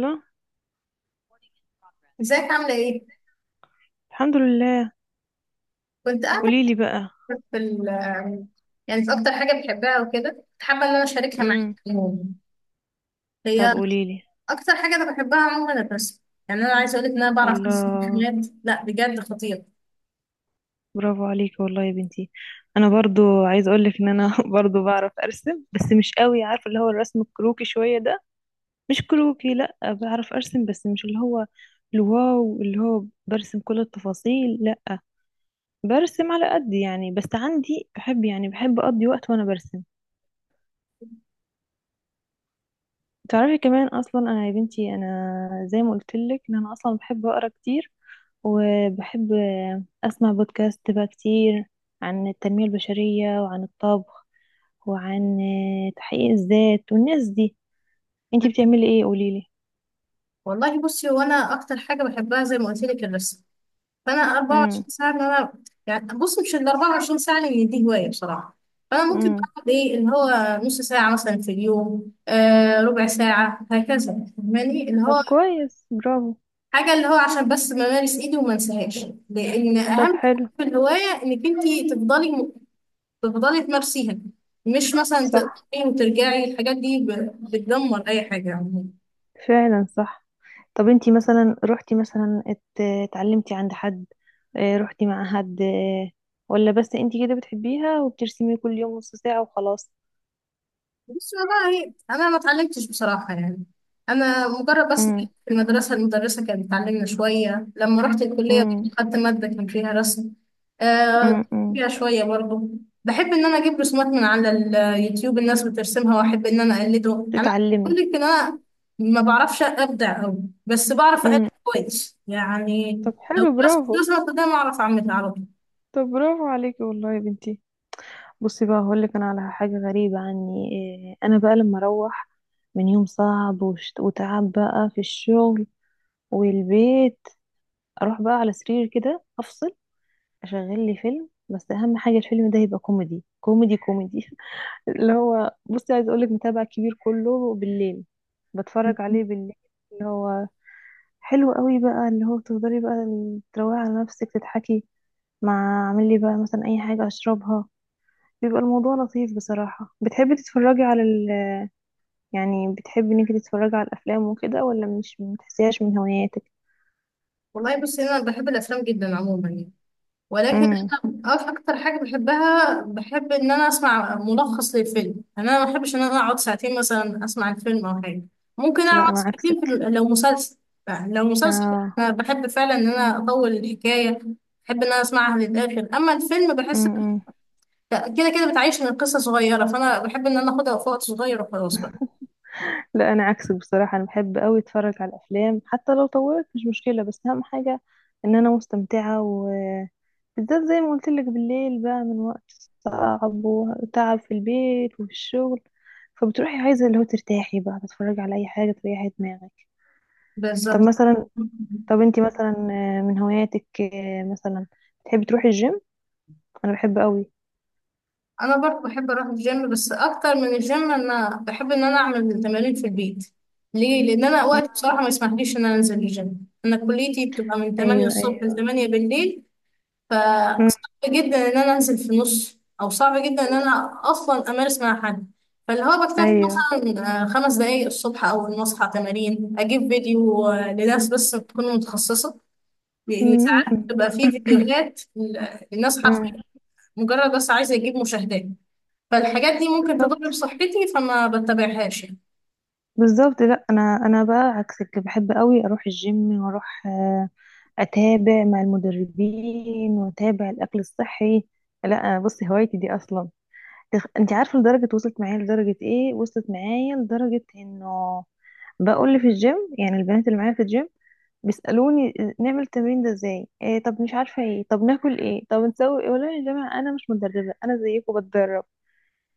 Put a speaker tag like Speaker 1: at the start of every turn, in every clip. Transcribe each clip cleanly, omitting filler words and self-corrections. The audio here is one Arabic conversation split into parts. Speaker 1: لا.
Speaker 2: ازيك عاملة ايه؟
Speaker 1: الحمد لله.
Speaker 2: كنت قاعدة
Speaker 1: قوليلي بقى.
Speaker 2: في ال يعني في أكتر حاجة بحبها وكده كنت حابة إن أنا أشاركها معاك
Speaker 1: امم
Speaker 2: عموما.
Speaker 1: طب
Speaker 2: هي
Speaker 1: قوليلي.
Speaker 2: أكتر حاجة أنا بحبها عموما الرسم. يعني أنا عايزة أقولك إن أنا بعرف أرسم
Speaker 1: الله،
Speaker 2: حاجات، لا بجد خطير.
Speaker 1: برافو عليكي والله يا بنتي. انا برضو عايز اقولك ان انا برضو بعرف ارسم، بس مش قوي، عارفه اللي هو الرسم الكروكي شويه ده. مش كروكي، لا بعرف ارسم بس مش اللي هو الواو، اللي هو برسم كل التفاصيل، لا برسم على قد يعني، بس عندي بحب، بحب اقضي وقت وانا برسم. تعرفي كمان اصلا انا يا بنتي، زي ما قلت لك ان انا اصلا بحب اقرا كتير، وبحب اسمع بودكاست بقى كتير عن التنمية البشرية وعن الطبخ وعن تحقيق الذات والناس دي. انتي بتعملي ايه قوليلي؟
Speaker 2: والله بصي، هو أنا أكتر حاجة بحبها زي ما قلت لك الرسم. فأنا
Speaker 1: امم
Speaker 2: 24 ساعة إن أنا، يعني بصي مش ال 24 ساعة لأن دي هواية بصراحة. فأنا ممكن
Speaker 1: امم
Speaker 2: بقعد إيه اللي هو نص ساعة مثلا في اليوم، آه، ربع ساعة هكذا، فاهماني اللي
Speaker 1: طب
Speaker 2: هو
Speaker 1: كويس، برافو.
Speaker 2: حاجة اللي هو عشان بس بمارس ايدي وما انساهاش، لان
Speaker 1: طب
Speaker 2: اهم حاجة
Speaker 1: حلو.
Speaker 2: في الهواية انك انت تفضلي تمارسيها. مش مثلا
Speaker 1: صح،
Speaker 2: تقطعي وترجعي، الحاجات دي بتدمر اي حاجة عموما.
Speaker 1: فعلا صح. طب انتي مثلا روحتي مثلا اتعلمتي عند حد؟ اه، روحتي مع حد؟ اه، ولا بس انتي كده بتحبيها وبترسمي كل يوم نص ساعة وخلاص؟
Speaker 2: بس والله انا ما اتعلمتش بصراحه يعني. انا مجرد بس في
Speaker 1: امم.
Speaker 2: المدرسه كانت بتعلمنا شويه، لما رحت الكليه
Speaker 1: امم.
Speaker 2: برضه خدت ماده كان فيها رسم. آه،
Speaker 1: امم.
Speaker 2: فيها شويه برضه. بحب ان انا اجيب رسومات من على اليوتيوب، الناس بترسمها واحب ان انا اقلده. يعني انا بقول
Speaker 1: تتعلمي.
Speaker 2: لك ان انا ما بعرفش ابدع قوي، بس بعرف اقلد
Speaker 1: امم.
Speaker 2: كويس يعني.
Speaker 1: طب
Speaker 2: لو
Speaker 1: حلو،
Speaker 2: رسمت
Speaker 1: برافو.
Speaker 2: رسمه قدام اعرف اعملها على طول.
Speaker 1: طب برافو عليكي والله يا بنتي. بصي بقى، هقولك انا على حاجة غريبة عني. اه، انا بقى لما اروح من يوم صعب وتعب بقى في الشغل والبيت، اروح بقى على سرير كده افصل، اشغل لي فيلم، بس اهم حاجه الفيلم ده يبقى كوميدي كوميدي كوميدي. اللي هو، بصي عايز اقولك، متابع كبير كله بالليل، بتفرج عليه بالليل. اللي هو حلو قوي بقى، اللي هو تفضلي بقى تروقي على نفسك تضحكي، مع اعمل لي بقى مثلا اي حاجه اشربها، بيبقى الموضوع لطيف بصراحه. بتحبي تتفرجي على ال...؟ يعني بتحبي انك تتفرجي على الافلام وكده ولا مش بتحسيهاش من هواياتك؟
Speaker 2: والله بس انا بحب الافلام جدا عموما يعني. ولكن
Speaker 1: امم.
Speaker 2: انا اكتر حاجه بحبها، بحب ان انا اسمع ملخص للفيلم. يعني انا ما بحبش ان انا اقعد ساعتين مثلا اسمع الفيلم او حاجه. ممكن
Speaker 1: لا
Speaker 2: اقعد
Speaker 1: انا
Speaker 2: ساعتين
Speaker 1: عكسك.
Speaker 2: لو مسلسل. يعني لو مسلسل
Speaker 1: اه.
Speaker 2: أنا بحب فعلا ان انا اطول الحكايه، بحب ان انا اسمعها للاخر. اما الفيلم بحس
Speaker 1: امم.
Speaker 2: كده كده بتعيش من القصه صغيره، فانا بحب ان انا اخدها في وقت صغير وخلاص بقى.
Speaker 1: لا انا عكسك بصراحه، انا بحب قوي اتفرج على الافلام حتى لو طولت مش مشكله، بس اهم حاجه ان انا مستمتعه، وبالذات زي ما قلت لك بالليل بقى من وقت صعب وتعب في البيت وفي الشغل، فبتروحي عايزه اللي هو ترتاحي بقى تتفرجي على اي حاجه تريحي دماغك. طب
Speaker 2: بالظبط.
Speaker 1: مثلا، طب انتي مثلا آه، من هواياتك آه، مثلا بتحبي تروحي الجيم؟ انا بحب قوي.
Speaker 2: انا برضه بحب اروح الجيم، بس اكتر من الجيم انا بحب ان انا اعمل تمارين في البيت. ليه؟ لان انا وقت بصراحه ما يسمحليش ان انا انزل الجيم. انا كليتي بتبقى من 8
Speaker 1: ايوه
Speaker 2: الصبح ل
Speaker 1: ايوه.
Speaker 2: 8 بالليل،
Speaker 1: مم.
Speaker 2: فصعب جدا ان انا انزل في نص، او صعب جدا ان انا اصلا امارس مع حد. فاللي هو بكتفي
Speaker 1: ايوه.
Speaker 2: مثلا، آه، خمس دقايق الصبح اول ما اصحى تمارين، اجيب فيديو، آه، لناس بس تكون متخصصه. لان
Speaker 1: مم.
Speaker 2: ساعات
Speaker 1: مم.
Speaker 2: بتبقى فيه الناس حرفيا
Speaker 1: مم.
Speaker 2: مجرد بس عايزه يجيب مشاهدات، فالحاجات دي ممكن تضر
Speaker 1: بالظبط.
Speaker 2: بصحتي فما بتبعهاش يعني.
Speaker 1: بالظبط. لا انا بقى عكسك، بحب قوي اروح الجيم واروح آه، اتابع مع المدربين واتابع الاكل الصحي. لا بصي هوايتي دي اصلا انت عارفه لدرجه وصلت معايا، لدرجه ايه، وصلت معايا لدرجه انه بقول لي في الجيم، يعني البنات اللي معايا في الجيم بيسالوني آه، نعمل التمرين ده ازاي؟ إيه طب مش عارفه ايه، طب ناكل ايه، طب نسوي ايه؟ والله يا جماعه انا مش مدربه، انا زيكم بتدرب.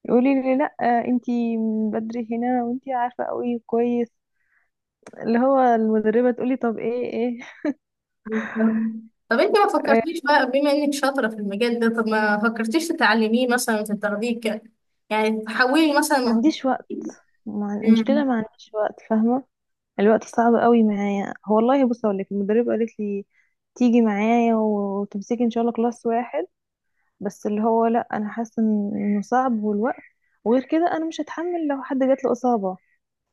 Speaker 1: يقولي لي لا آه، انتي بدري هنا وانتي عارفه قوي كويس. اللي هو المدربة تقولي طب ايه ايه.
Speaker 2: طب انت ما
Speaker 1: آه،
Speaker 2: فكرتيش بقى بما انك شاطرة في المجال ده، طب ما فكرتيش تتعلميه مثلا تاخديه يعني تحولي مثلا
Speaker 1: ما
Speaker 2: مهارة؟
Speaker 1: عنديش وقت. ما
Speaker 2: مم.
Speaker 1: المشكلة ما عنديش وقت، فاهمة. الوقت صعب قوي معايا. هو والله بص اقول لك، المدربة قالت لي تيجي معايا وتمسكي ان شاء الله كلاس واحد، بس اللي هو لا انا حاسة انه صعب، والوقت، وغير كده انا مش هتحمل لو حد جات له إصابة،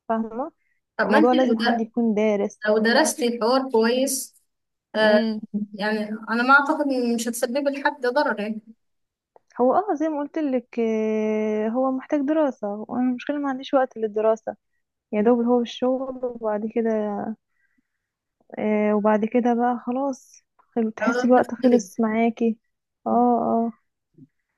Speaker 1: فاهمة.
Speaker 2: طب ما
Speaker 1: الموضوع
Speaker 2: انت لو
Speaker 1: لازم حد يكون دارس.
Speaker 2: لو درستي الحوار كويس، آه،
Speaker 1: امم.
Speaker 2: يعني انا ما اعتقد ان مش هتسببي لحد ضرر يعني.
Speaker 1: هو اه زي ما قلت لك آه، هو محتاج دراسة، وانا المشكلة ما عنديش وقت للدراسة، يا
Speaker 2: بس
Speaker 1: دوب هو الشغل وبعد كده آه، وبعد كده بقى خلاص، تحسي
Speaker 2: لو
Speaker 1: الوقت
Speaker 2: تفكري-
Speaker 1: خلص معاكي. اه. اه.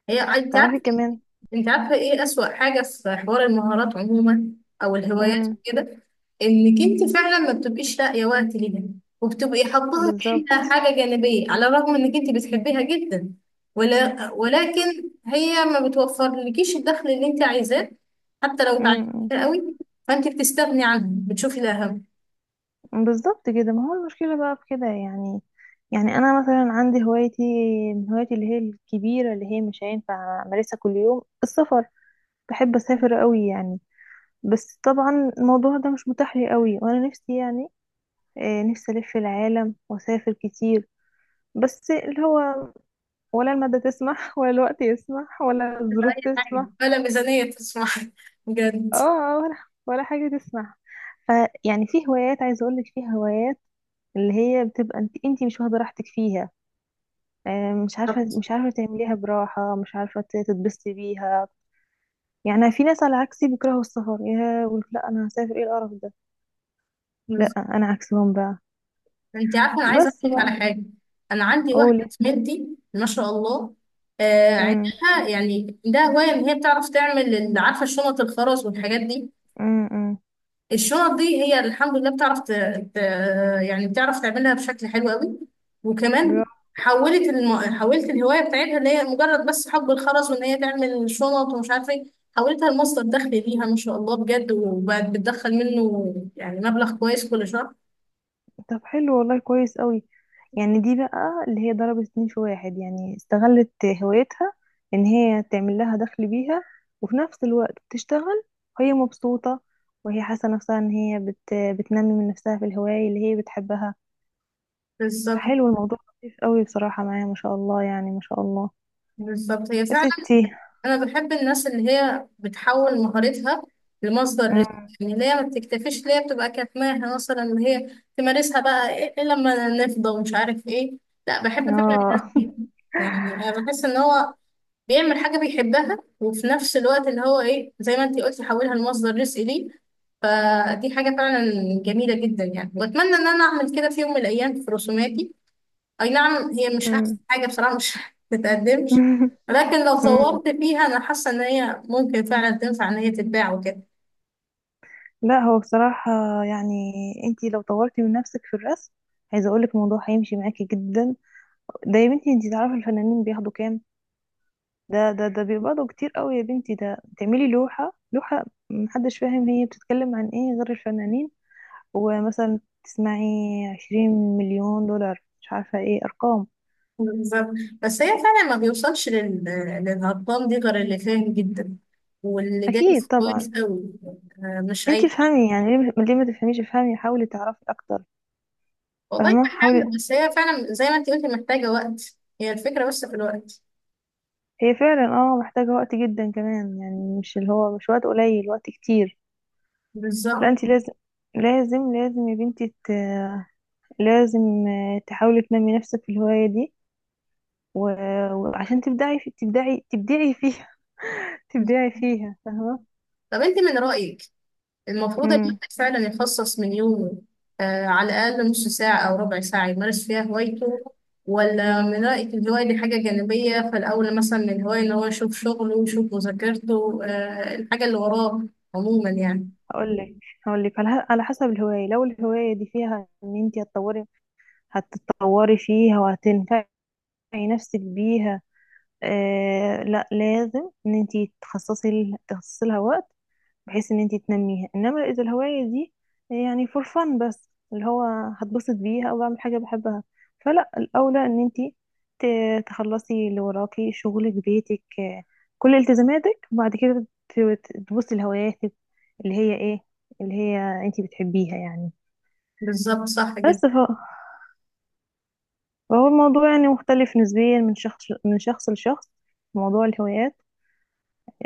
Speaker 2: هي انت
Speaker 1: تعرفي
Speaker 2: عارفة،
Speaker 1: كمان.
Speaker 2: انت عارفة ايه اسوأ حاجة في حوار المهارات عموما او الهوايات
Speaker 1: امم.
Speaker 2: كده؟ انك انت فعلا ما بتبقيش لاقية وقت ليها، وبتبقي حاطاها كأنها
Speaker 1: بالظبط.
Speaker 2: حاجة جانبية على الرغم انك انت بتحبيها جدا. ولا ولكن هي ما بتوفرلكيش الدخل اللي انت عايزاه، حتى لو
Speaker 1: امم.
Speaker 2: اتعلمتيها قوي. فانت بتستغني عنه بتشوفي الاهم.
Speaker 1: بالظبط كده، ما هو المشكلة بقى في كده يعني. يعني انا مثلا عندي هوايتي، من هوايتي اللي هي الكبيرة اللي هي مش هينفع امارسها كل يوم، السفر. بحب اسافر قوي يعني، بس طبعا الموضوع ده مش متاح لي قوي، وانا نفسي يعني آه، نفسي الف العالم واسافر كتير، بس اللي هو ولا المادة تسمح ولا الوقت يسمح ولا الظروف
Speaker 2: اي حاجة،
Speaker 1: تسمح.
Speaker 2: ولا ميزانية تسمح. بجد.
Speaker 1: اه آه، ولا ولا حاجة تسمح. ف، يعني في هوايات، عايزة اقولك في هوايات اللي هي بتبقى انت مش واخدة راحتك فيها، آه، مش عارفة، مش عارفة تعمليها براحة، مش عارفة تتبسطي بيها. يعني في ناس على عكسي بيكرهوا السفر، يا يقول لا انا هسافر ايه القرف ده. لا انا عكسهم بقى.
Speaker 2: انت عارفه انا عايزه
Speaker 1: بس
Speaker 2: احكي لك على
Speaker 1: بقى
Speaker 2: حاجه. انا عندي واحده
Speaker 1: قولي.
Speaker 2: زميلتي، ما شاء الله، آه
Speaker 1: امم.
Speaker 2: عندها، يعني عندها هوايه ان هي بتعرف تعمل عارفه شنط الخرز والحاجات دي؟
Speaker 1: امم.
Speaker 2: الشنط دي هي الحمد لله بتعرف ت... يعني بتعرف تعملها بشكل حلو قوي. وكمان
Speaker 1: برافو.
Speaker 2: حولت حولت الهوايه بتاعتها، اللي هي مجرد بس حب الخرز وان هي تعمل شنط ومش عارفه ايه، حولتها لمصدر دخل ليها ما شاء الله بجد. وبقت بتدخل منه يعني مبلغ كويس كل شهر.
Speaker 1: طب حلو والله كويس قوي. يعني دي بقى اللي هي ضربت اتنين في واحد يعني، استغلت هوايتها ان هي تعمل لها دخل بيها، وفي نفس الوقت بتشتغل وهي مبسوطة، وهي حاسة نفسها ان هي بتنمي من نفسها في الهواية اللي هي بتحبها.
Speaker 2: بالظبط.
Speaker 1: فحلو الموضوع، لطيف قوي بصراحة معايا. ما شاء الله يعني ما شاء الله.
Speaker 2: بالظبط، هي
Speaker 1: يا
Speaker 2: فعلا.
Speaker 1: ستي.
Speaker 2: انا بحب الناس اللي هي بتحول مهارتها لمصدر رزق.
Speaker 1: مم.
Speaker 2: يعني اللي هي ما بتكتفيش، اللي هي بتبقى كاتماها مثلا، اللي هي تمارسها بقى ايه إيه لما نفضى ومش عارف ايه. لا، بحب فعلا
Speaker 1: اه
Speaker 2: الناس دي. يعني انا بحس ان هو بيعمل حاجه بيحبها، وفي نفس الوقت اللي هو ايه زي ما انتي قلتي حولها لمصدر رزق ليه. فدي حاجه فعلا جميله جدا يعني، واتمنى ان انا اعمل كده في يوم من الايام في رسوماتي. اي نعم، هي مش احسن
Speaker 1: مم.
Speaker 2: حاجة بصراحة، مش بتقدمش. لكن لو
Speaker 1: مم.
Speaker 2: صورت فيها انا حاسة ان هي ممكن فعلا تنفع ان هي تتباع وكده.
Speaker 1: لا هو بصراحة يعني، انتي لو طورتي من نفسك في الرسم، عايزة اقولك الموضوع هيمشي معاكي جدا. ده يا بنتي انتي تعرفي الفنانين بياخدوا كام؟ ده بيقبضوا كتير قوي يا بنتي، ده تعملي لوحة لوحة، محدش فاهم هي بتتكلم عن ايه غير الفنانين، ومثلا تسمعي 20 مليون دولار مش عارفة ايه ارقام.
Speaker 2: بالظبط. بس هي فعلا ما بيوصلش للهضام دي غير اللي فاهم جدا واللي دارس
Speaker 1: اكيد
Speaker 2: كويس
Speaker 1: طبعا.
Speaker 2: قوي. آه، مش
Speaker 1: انتي
Speaker 2: اي حد.
Speaker 1: افهمي يعني، ليه ما تفهميش، افهمي، حاولي تعرفي اكتر.
Speaker 2: والله
Speaker 1: فاهمة حاولي.
Speaker 2: بحاول، بس هي فعلا زي ما انت قلتي محتاجة وقت، هي الفكرة بس في الوقت.
Speaker 1: هي فعلا اه محتاجة وقت جدا كمان يعني، مش اللي هو مش وقت قليل، وقت كتير. لا
Speaker 2: بالظبط.
Speaker 1: انتي لازم، لازم يا بنتي لازم تحاولي تنمي نفسك في الهواية دي، و- وعشان تبدعي، في تبدعي تبدعي فيها. تبدعي فيها فاهمة.
Speaker 2: طب انت من رأيك المفروض
Speaker 1: امم.
Speaker 2: الواحد فعلا يخصص من يومه، آه، على الأقل نص ساعة أو ربع ساعة يمارس فيها هوايته؟ ولا من رأيك الهواية دي حاجة جانبية، فالأول مثلا من الهواية إن هو يشوف شغله ويشوف مذاكرته، آه، الحاجة اللي وراه عموما يعني؟
Speaker 1: هقول لك، على على حسب الهواية. لو الهواية دي فيها ان انت هتطوري، هتتطوري فيها وهتنفعي نفسك بيها آه، لا لازم ان انت تخصصي لها وقت بحيث ان انت تنميها، انما اذا الهواية دي يعني فور فن بس اللي هو هتبسط بيها او بعمل حاجة بحبها، فلا الاولى ان انت تخلصي اللي وراكي شغلك بيتك آه، كل التزاماتك، وبعد كده تبصي لهواياتك اللي هي ايه، اللي هي انت بتحبيها يعني.
Speaker 2: بالظبط، صح جدا.
Speaker 1: بس ف- فهو الموضوع يعني مختلف نسبيا من شخص لشخص، موضوع الهوايات.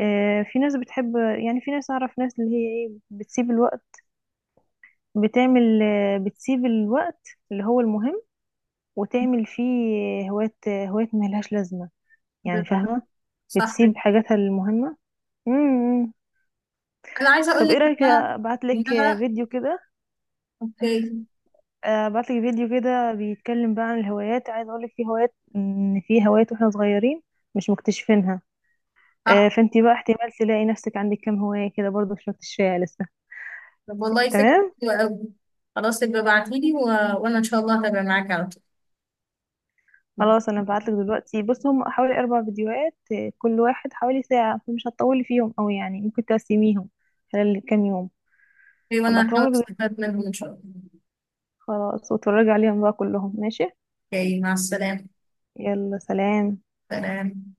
Speaker 1: آه، في ناس بتحب، يعني في ناس أعرف، ناس اللي هي إيه بتسيب الوقت بتعمل، بتسيب الوقت اللي هو المهم وتعمل فيه هوايات، هوايات ملهاش لازمة يعني،
Speaker 2: بالظبط،
Speaker 1: فاهمة.
Speaker 2: صح جدا.
Speaker 1: بتسيب حاجاتها المهمة. امم.
Speaker 2: أنا عايزة أقول
Speaker 1: طب
Speaker 2: لك
Speaker 1: ايه
Speaker 2: إن
Speaker 1: رأيك
Speaker 2: أنا
Speaker 1: ابعت
Speaker 2: إن
Speaker 1: لك
Speaker 2: أنا
Speaker 1: فيديو كده،
Speaker 2: أوكي.
Speaker 1: ابعت لك فيديو كده بيتكلم بقى عن الهوايات. عايز اقول لك في هوايات ان في هوايات واحنا صغيرين مش مكتشفينها آه،
Speaker 2: صح.
Speaker 1: فانتي بقى احتمال تلاقي نفسك عندك كام هواية كده برضو مش مكتشفاها لسه.
Speaker 2: طب والله فكرة
Speaker 1: تمام.
Speaker 2: حلوة أوي. خلاص، يبقى ابعتيلي و... وأنا إن شاء الله هتابع معاك على طول.
Speaker 1: خلاص انا هبعتلك دلوقتي، بص هم حوالي 4 فيديوهات آه، كل واحد حوالي ساعة فمش هتطولي فيهم اوي يعني، ممكن تقسميهم خلال كام يوم.
Speaker 2: أوكي، وأنا
Speaker 1: هبعتهم
Speaker 2: هحاول
Speaker 1: لك دلوقتي.
Speaker 2: أستفاد منهم إن شاء الله.
Speaker 1: خلاص واتفرجي عليهم بقى كلهم، ماشي.
Speaker 2: أوكي، مع السلامة.
Speaker 1: يلا سلام.
Speaker 2: سلام.